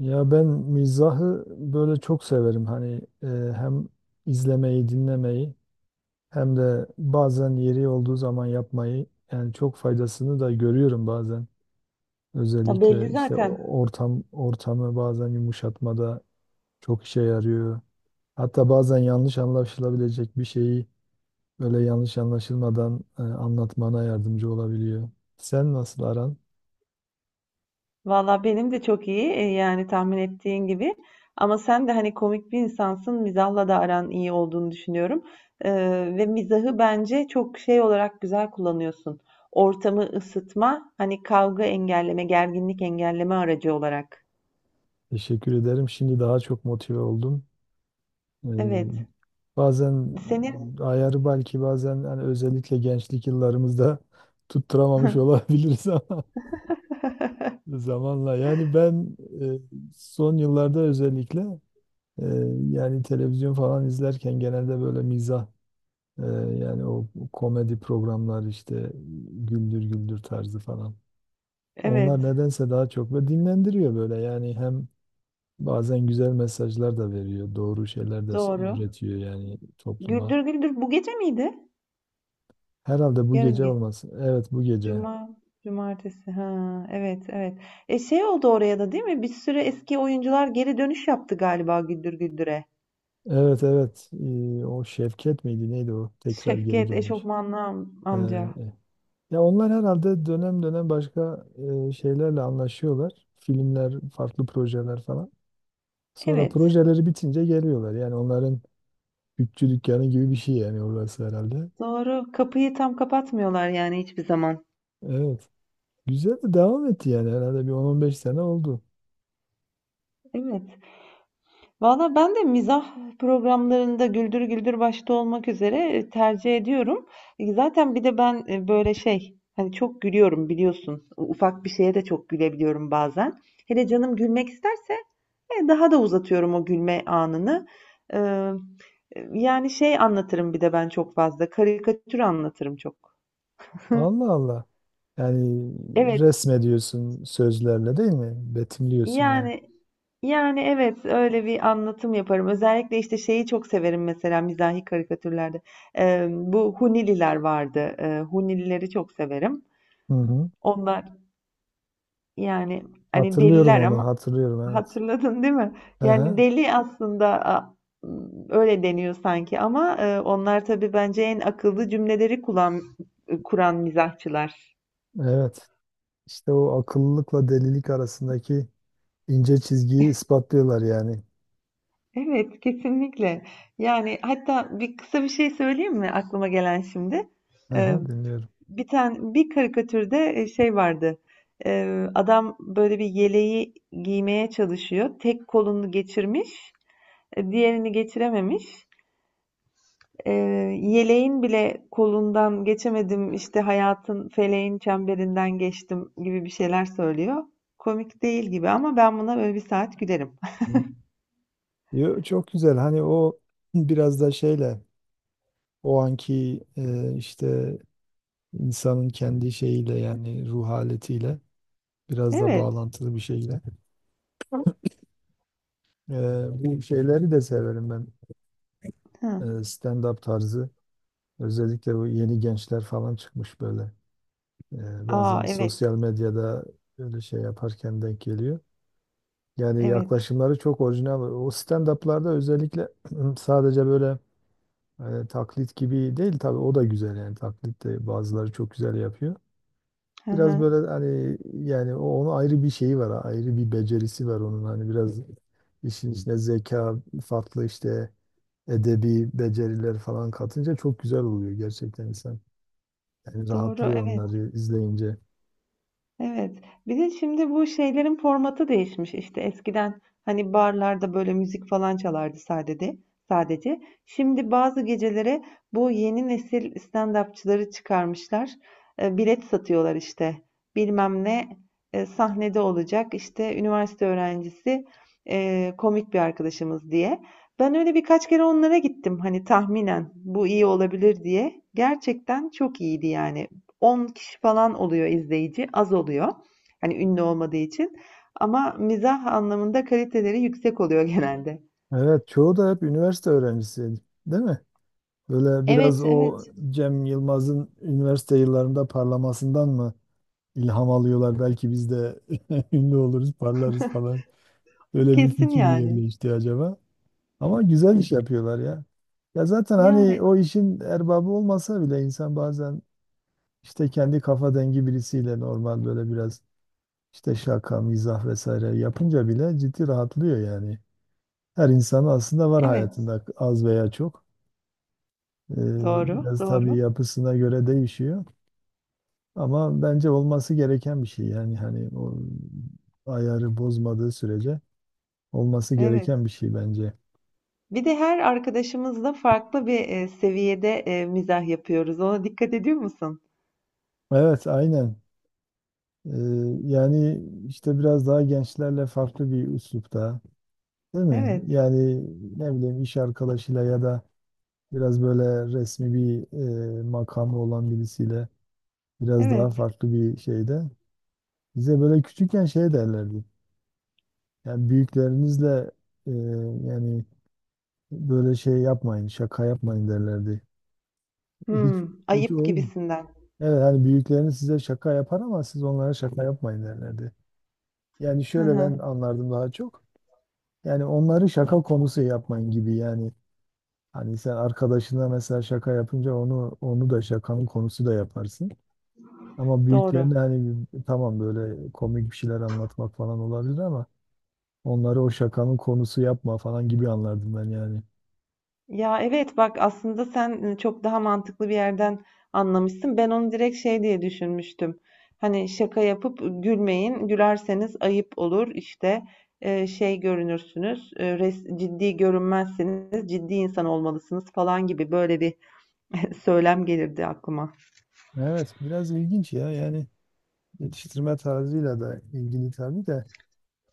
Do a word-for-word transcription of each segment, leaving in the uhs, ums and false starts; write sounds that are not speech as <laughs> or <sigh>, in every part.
Ya ben mizahı böyle çok severim. Hani e, hem izlemeyi, dinlemeyi hem de bazen yeri olduğu zaman yapmayı yani çok faydasını da görüyorum bazen. Ya belli Özellikle işte zaten. o- ortam ortamı bazen yumuşatmada çok işe yarıyor. Hatta bazen yanlış anlaşılabilecek bir şeyi böyle yanlış anlaşılmadan e, anlatmana yardımcı olabiliyor. Sen nasıl aran? Valla benim de çok iyi, e, yani tahmin ettiğin gibi. Ama sen de hani komik bir insansın. Mizahla da aran iyi olduğunu düşünüyorum. Ee, Ve mizahı bence çok şey olarak güzel kullanıyorsun. Ortamı ısıtma, hani kavga engelleme, gerginlik engelleme aracı olarak. Teşekkür ederim. Şimdi daha çok motive oldum. Evet. Ee, bazen Senin, ayarı belki bazen hani özellikle gençlik yıllarımızda tutturamamış olabiliriz <laughs> ama zamanla yani ben e, son yıllarda özellikle, e, yani televizyon falan izlerken genelde böyle mizah, e, yani o komedi programlar işte Güldür Güldür tarzı falan. evet, Onlar nedense daha çok ve dinlendiriyor böyle yani hem bazen güzel mesajlar da veriyor, doğru şeyler de doğru. üretiyor yani topluma. Güldür Güldür bu gece miydi? Herhalde bu Yarın gece olmasın. Evet bu gece. Cuma, cumartesi. Ha, evet, evet. E şey oldu oraya da değil mi? Bir sürü eski oyuncular geri dönüş yaptı galiba Güldür Güldür'e. Evet, evet. Ee, o Şevket miydi neydi o? Tekrar geri Şevket gelmiş. Eşofmanlı am- Ee, amca. ya onlar herhalde dönem dönem başka e, şeylerle anlaşıyorlar. Filmler, farklı projeler falan. Sonra Evet, projeleri bitince geliyorlar. Yani onların bütçü dükkanı gibi bir şey yani orası herhalde. doğru. Kapıyı tam kapatmıyorlar yani hiçbir zaman. Evet. Güzel de devam etti yani herhalde bir on on beş sene oldu. Evet. Valla ben de mizah programlarında Güldür Güldür başta olmak üzere e, tercih ediyorum. E, zaten bir de ben, e, böyle şey hani çok gülüyorum biliyorsun. Ufak bir şeye de çok gülebiliyorum bazen. Hele canım gülmek isterse Eee, daha da uzatıyorum o gülme anını. Eee, Yani şey anlatırım bir de ben çok fazla, karikatür anlatırım çok. Allah Allah. Yani Evet, resmediyorsun sözlerle değil mi? Betimliyorsun yani. yani yani evet öyle bir anlatım yaparım. Özellikle işte şeyi çok severim mesela mizahi karikatürlerde. Eee, bu Hunililer vardı. Eee Hunilileri çok severim. Hı hı. Onlar yani hani Hatırlıyorum deliler onu, ama hatırlıyorum evet. hatırladın değil mi? Yani Aha, deli aslında a- öyle deniyor sanki ama e, onlar tabii bence en akıllı cümleleri kuran, kuran mizahçılar. evet. İşte o akıllılıkla delilik arasındaki ince çizgiyi ispatlıyorlar yani. Evet, kesinlikle. Yani hatta bir kısa bir şey söyleyeyim mi aklıma gelen şimdi? E, Aha, dinliyorum. Bir tane bir karikatürde, e, şey vardı. E, adam böyle bir yeleği giymeye çalışıyor. Tek kolunu geçirmiş, e, diğerini geçirememiş. Eee, Yeleğin bile kolundan geçemedim işte hayatın feleğin çemberinden geçtim gibi bir şeyler söylüyor. Komik değil gibi ama ben buna böyle bir saat gülerim. <laughs> Hı. Yo, çok güzel. Hani o <clears throat> biraz da şeyle o anki, e, işte insanın kendi şeyiyle yani ruh haletiyle biraz da Evet. bağlantılı bir şeyle. E, bu şeyleri de severim ben. Hı. E, stand-up tarzı. Özellikle bu yeni gençler falan çıkmış böyle. Ee, Aa bazen evet. sosyal medyada öyle şey yaparken denk geliyor. Yani Evet. yaklaşımları çok orijinal. O stand-up'larda özellikle <clears throat> sadece böyle, e, taklit gibi değil tabii o da güzel yani taklit de bazıları çok güzel yapıyor. Hı Biraz hı. böyle hani yani o onun ayrı bir şeyi var, ayrı bir becerisi var onun hani biraz işin içine zeka, farklı işte edebi beceriler falan katınca çok güzel oluyor gerçekten insan. Yani Doğru rahatlıyor evet. onları izleyince. Evet. Bir de şimdi bu şeylerin formatı değişmiş. İşte eskiden hani barlarda böyle müzik falan çalardı sadece. Sadece. Şimdi bazı gecelere bu yeni nesil stand-upçıları çıkarmışlar. E, bilet satıyorlar işte. Bilmem ne e, sahnede olacak. İşte üniversite öğrencisi, e, komik bir arkadaşımız diye. Ben öyle birkaç kere onlara gittim. Hani tahminen bu iyi olabilir diye. Gerçekten çok iyiydi yani. on kişi falan oluyor izleyici, az oluyor. Hani ünlü olmadığı için. Ama mizah anlamında kaliteleri yüksek oluyor <laughs> genelde. Evet, çoğu da hep üniversite öğrencisiydi, değil mi? Böyle biraz Evet, o evet. Cem Yılmaz'ın üniversite yıllarında parlamasından mı ilham alıyorlar? Belki biz de <laughs> ünlü oluruz, parlarız falan. Böyle bir Kesin fikir mi yani. yerleşti acaba? Ama güzel iş yapıyorlar ya. Ya zaten hani Yani o işin erbabı olmasa bile insan bazen işte kendi kafa dengi birisiyle normal böyle biraz işte şaka, mizah vesaire yapınca bile ciddi rahatlıyor yani. Her insanın aslında var evet. hayatında az veya çok. Ee, Doğru, Biraz tabii doğru. yapısına göre değişiyor. Ama bence olması gereken bir şey. Yani hani o ayarı bozmadığı sürece olması Evet. gereken bir şey bence. Bir de her arkadaşımızla farklı bir e, seviyede e, mizah yapıyoruz. Ona dikkat ediyor musun? Evet, aynen. Ee, yani işte biraz daha gençlerle farklı bir üslupta, değil mi? Evet, Yani ne bileyim iş arkadaşıyla ya da biraz böyle resmi bir, e, makamı olan birisiyle biraz daha evet. farklı bir şeyde. Bize böyle küçükken şey derlerdi. Yani büyüklerinizle, e, yani böyle şey yapmayın, şaka yapmayın derlerdi. Hiç Hmm, hiç ayıp olmuyor. gibisinden. Evet hani büyükleriniz size şaka yapar ama siz onlara şaka yapmayın derlerdi. Yani Hı şöyle hı, ben anlardım daha çok. Yani onları şaka konusu yapmayın gibi yani. Hani sen arkadaşına mesela şaka yapınca onu onu da şakanın konusu da yaparsın. Ama doğru. büyüklerine hani tamam böyle komik bir şeyler anlatmak falan olabilir ama onları o şakanın konusu yapma falan gibi anlardım ben yani. Ya evet bak aslında sen çok daha mantıklı bir yerden anlamışsın. Ben onu direkt şey diye düşünmüştüm. Hani şaka yapıp gülmeyin. Gülerseniz ayıp olur. İşte e, şey görünürsünüz. E, res- ciddi görünmezsiniz. Ciddi insan olmalısınız falan gibi böyle bir <laughs> söylem gelirdi aklıma. Evet biraz ilginç ya yani. Yetiştirme tarzıyla da ilgili tabii de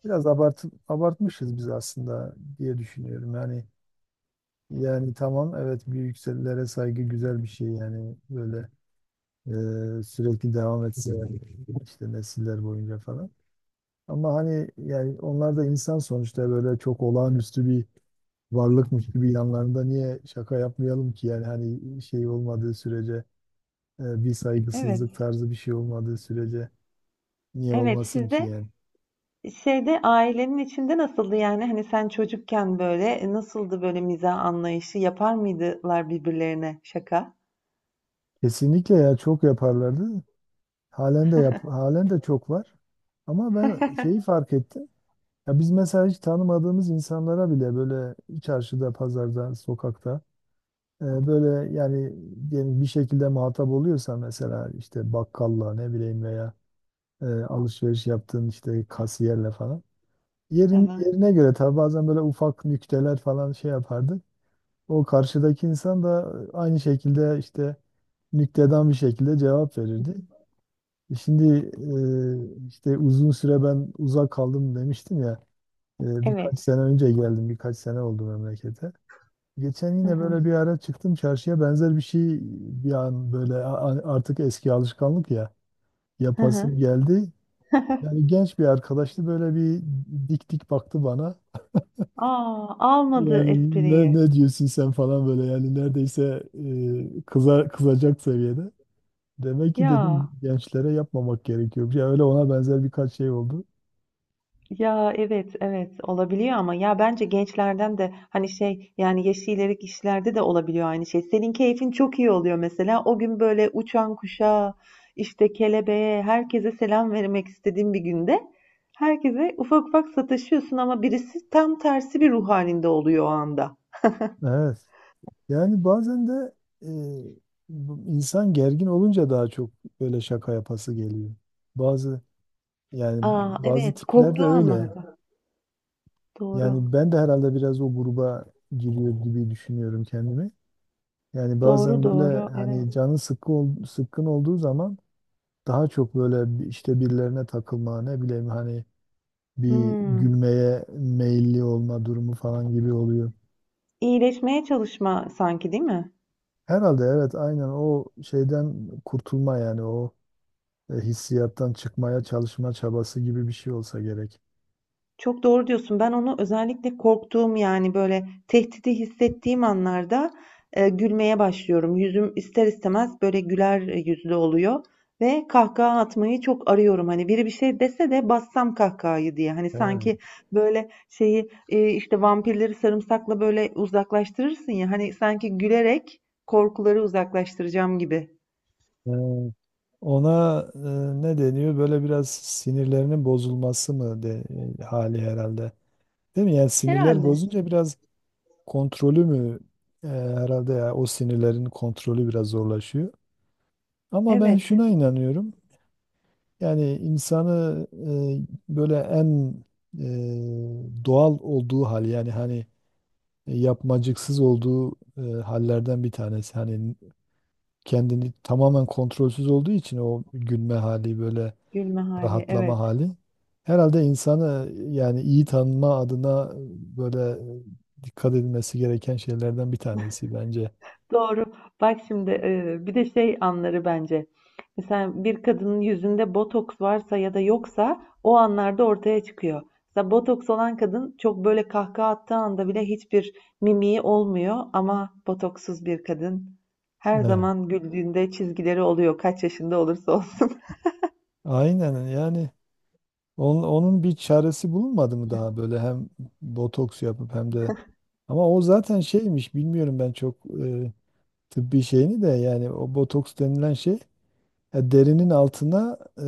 biraz abart abartmışız biz aslında diye düşünüyorum. Yani yani tamam evet bir yükselilere saygı güzel bir şey yani böyle, e, sürekli devam etse <laughs> işte nesiller boyunca falan. Ama hani yani onlar da insan sonuçta böyle çok olağanüstü bir varlıkmış gibi yanlarında niye şaka yapmayalım ki yani hani şey olmadığı sürece, e, bir saygısızlık Evet. tarzı bir şey olmadığı sürece niye Evet olmasın ki sizde yani. şeyde ailenin içinde nasıldı yani? Hani sen çocukken böyle, e, nasıldı böyle mizah anlayışı? Yapar mıydılar birbirlerine şaka? Kesinlikle ya çok yaparlardı. Halen de yap, halen de çok var. Ama ben şeyi fark ettim. Ya biz mesela hiç tanımadığımız insanlara bile böyle çarşıda, pazarda, sokakta, e, böyle yani diyelim bir şekilde muhatap oluyorsa mesela işte bakkalla ne bileyim veya e, alışveriş yaptığın işte kasiyerle falan. Hı Yerin, hı. yerine göre tabii bazen böyle ufak nükteler falan şey yapardı. O karşıdaki insan da aynı şekilde işte nüktedan bir şekilde cevap verirdi. E, Şimdi e, işte uzun süre ben uzak kaldım demiştim ya. E, Evet. birkaç sene önce geldim, birkaç sene oldu memlekete. Geçen Hı yine hı. böyle bir ara çıktım çarşıya benzer bir şey, bir an böyle a- a- artık eski alışkanlık ya Hı hı. yapasım geldi. Yani genç bir arkadaştı böyle bir dik dik baktı bana. A! Almadı Yani ne, espriyi. ne diyorsun sen falan böyle yani neredeyse, e, kıza, kızacak seviyede. Demek ki dedim Ya, gençlere yapmamak gerekiyor. Ya öyle ona benzer birkaç şey oldu. ya, evet, evet olabiliyor ama ya bence gençlerden de hani şey yani yaşı ileri kişilerde de olabiliyor aynı şey. Senin keyfin çok iyi oluyor mesela. O gün böyle uçan kuşa, işte kelebeğe, herkese selam vermek istediğin bir günde herkese ufak ufak sataşıyorsun ama birisi tam tersi bir ruh halinde oluyor o anda. Evet. Yani bazen de, e, bu insan gergin olunca daha çok böyle şaka yapası geliyor. Bazı yani Aa, bazı evet, tipler de korktuğu öyle. anlarda. Doğru. Yani ben de herhalde biraz o gruba giriyor gibi düşünüyorum kendimi. Yani Doğru, bazen doğru. böyle Evet. hani canı sıkkı ol- sıkkın olduğu zaman daha çok böyle bir- işte birilerine takılma ne bileyim hani bir Hmm. gülmeye meyilli olma durumu falan gibi oluyor. İyileşmeye çalışma sanki, değil mi? Herhalde evet aynen o şeyden kurtulma yani o e, hissiyattan çıkmaya çalışma çabası gibi bir şey olsa gerek. Çok doğru diyorsun. Ben onu özellikle korktuğum yani böyle tehdidi hissettiğim anlarda e, gülmeye başlıyorum. Yüzüm ister istemez böyle güler yüzlü oluyor ve kahkaha atmayı çok arıyorum. Hani biri bir şey dese de bassam kahkahayı diye. Hani He. sanki böyle şeyi, e, işte vampirleri sarımsakla böyle uzaklaştırırsın ya. Hani sanki gülerek korkuları uzaklaştıracağım gibi. Ee, ona e, ne deniyor? Böyle biraz sinirlerinin bozulması mı de, e, hali herhalde. Değil mi? Yani sinirler Herhalde. bozunca biraz kontrolü mü, e, herhalde ya o sinirlerin kontrolü biraz zorlaşıyor. Ama ben Evet. şuna inanıyorum. Yani insanı, e, böyle en, e, doğal olduğu hal yani hani yapmacıksız olduğu e, hallerden bir tanesi. Hani kendini tamamen kontrolsüz olduğu için o gülme hali böyle Gülme hali. rahatlama Evet. hali herhalde insanı yani iyi tanıma adına, e, böyle e, dikkat edilmesi gereken şeylerden bir tanesi bence. Doğru. Bak şimdi, e, bir de şey anları bence. Mesela bir kadının yüzünde botoks varsa ya da yoksa o anlarda ortaya çıkıyor. Mesela botoks olan kadın çok böyle kahkaha attığı anda bile hiçbir mimiği olmuyor ama botoksuz bir kadın her Evet. zaman güldüğünde çizgileri oluyor kaç yaşında olursa olsun. Aynen yani onun, onun bir çaresi bulunmadı mı daha böyle hem botoks yapıp hem de ama o zaten şeymiş bilmiyorum ben çok, e, tıbbi şeyini de yani o botoks denilen şey e, derinin altına e,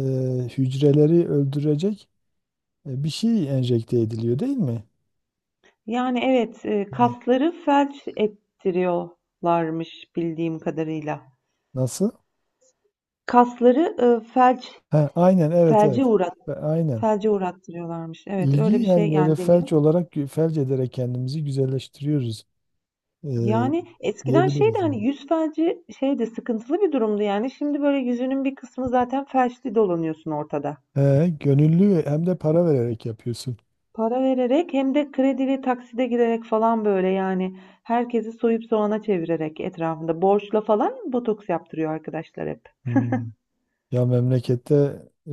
hücreleri öldürecek E, bir şey enjekte ediliyor değil mi? Yani evet, e, E, kasları felç ettiriyorlarmış bildiğim kadarıyla. Nasıl? Kasları, e, felç Ha, aynen evet, felce evet. uğrat Ve aynen. felce uğrattırıyorlarmış. Evet, İlgi öyle bir şey yani böyle yani deniyor. felç olarak gü- felç ederek kendimizi güzelleştiriyoruz, e, Yani eskiden şeydi diyebiliriz yani. hani yüz felci şeydi sıkıntılı bir durumdu yani. Şimdi böyle yüzünün bir kısmı zaten felçli dolanıyorsun ortada. He, gönüllü ve hem de para vererek yapıyorsun. Para vererek hem de kredili takside girerek falan böyle yani herkesi soyup soğana çevirerek etrafında borçla falan botoks yaptırıyor arkadaşlar hep. Hmm. Ya memlekette, e,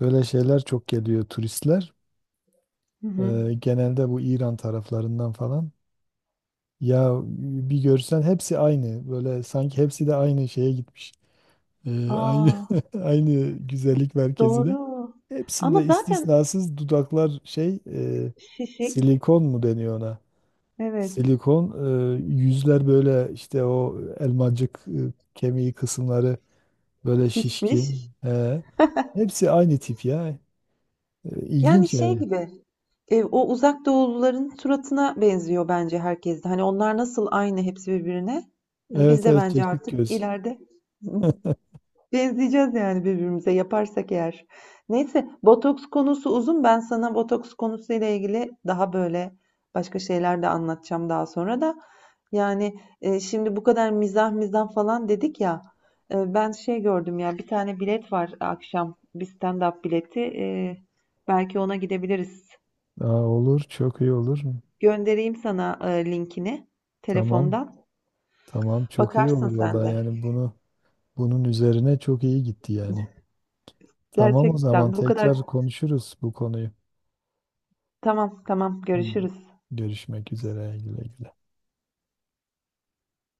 böyle şeyler çok geliyor turistler. Hı hı. E, genelde bu İran taraflarından falan. Ya bir görsen hepsi aynı. Böyle sanki hepsi de aynı şeye gitmiş. Ee, aynı Aa, <laughs> aynı güzellik merkezine. doğru. Ama Hepsinde zaten istisnasız dudaklar şey, e, şişik. silikon mu deniyor ona? Evet, Silikon, e, yüzler böyle işte o elmacık e, kemiği kısımları böyle şişmiş. şişkin. He. Hepsi aynı tip ya. E, Yani İlginç şey yani. gibi. Eee, o uzak doğuluların suratına benziyor bence herkes de. Hani onlar nasıl aynı hepsi birbirine. Hani biz Evet, de evet bence çekik artık göz. ileride <laughs> benzeyeceğiz yani birbirimize yaparsak eğer. Neyse botoks konusu uzun. Ben sana botoks konusuyla ilgili daha böyle başka şeyler de anlatacağım daha sonra da. Yani, e, şimdi bu kadar mizah mizah falan dedik ya. E, ben şey gördüm ya bir tane bilet var akşam. Bir stand-up bileti. E, belki ona gidebiliriz. Aa, olur çok iyi olur. Göndereyim sana, eee, linkini Tamam, telefondan. tamam çok iyi Bakarsın olur sen vallahi de. yani bunu bunun üzerine çok iyi gitti yani. Tamam o zaman Gerçekten bu kadar. tekrar konuşuruz bu konuyu. Tamam, tamam. Hmm. Görüşürüz. Görüşmek üzere. Güle güle.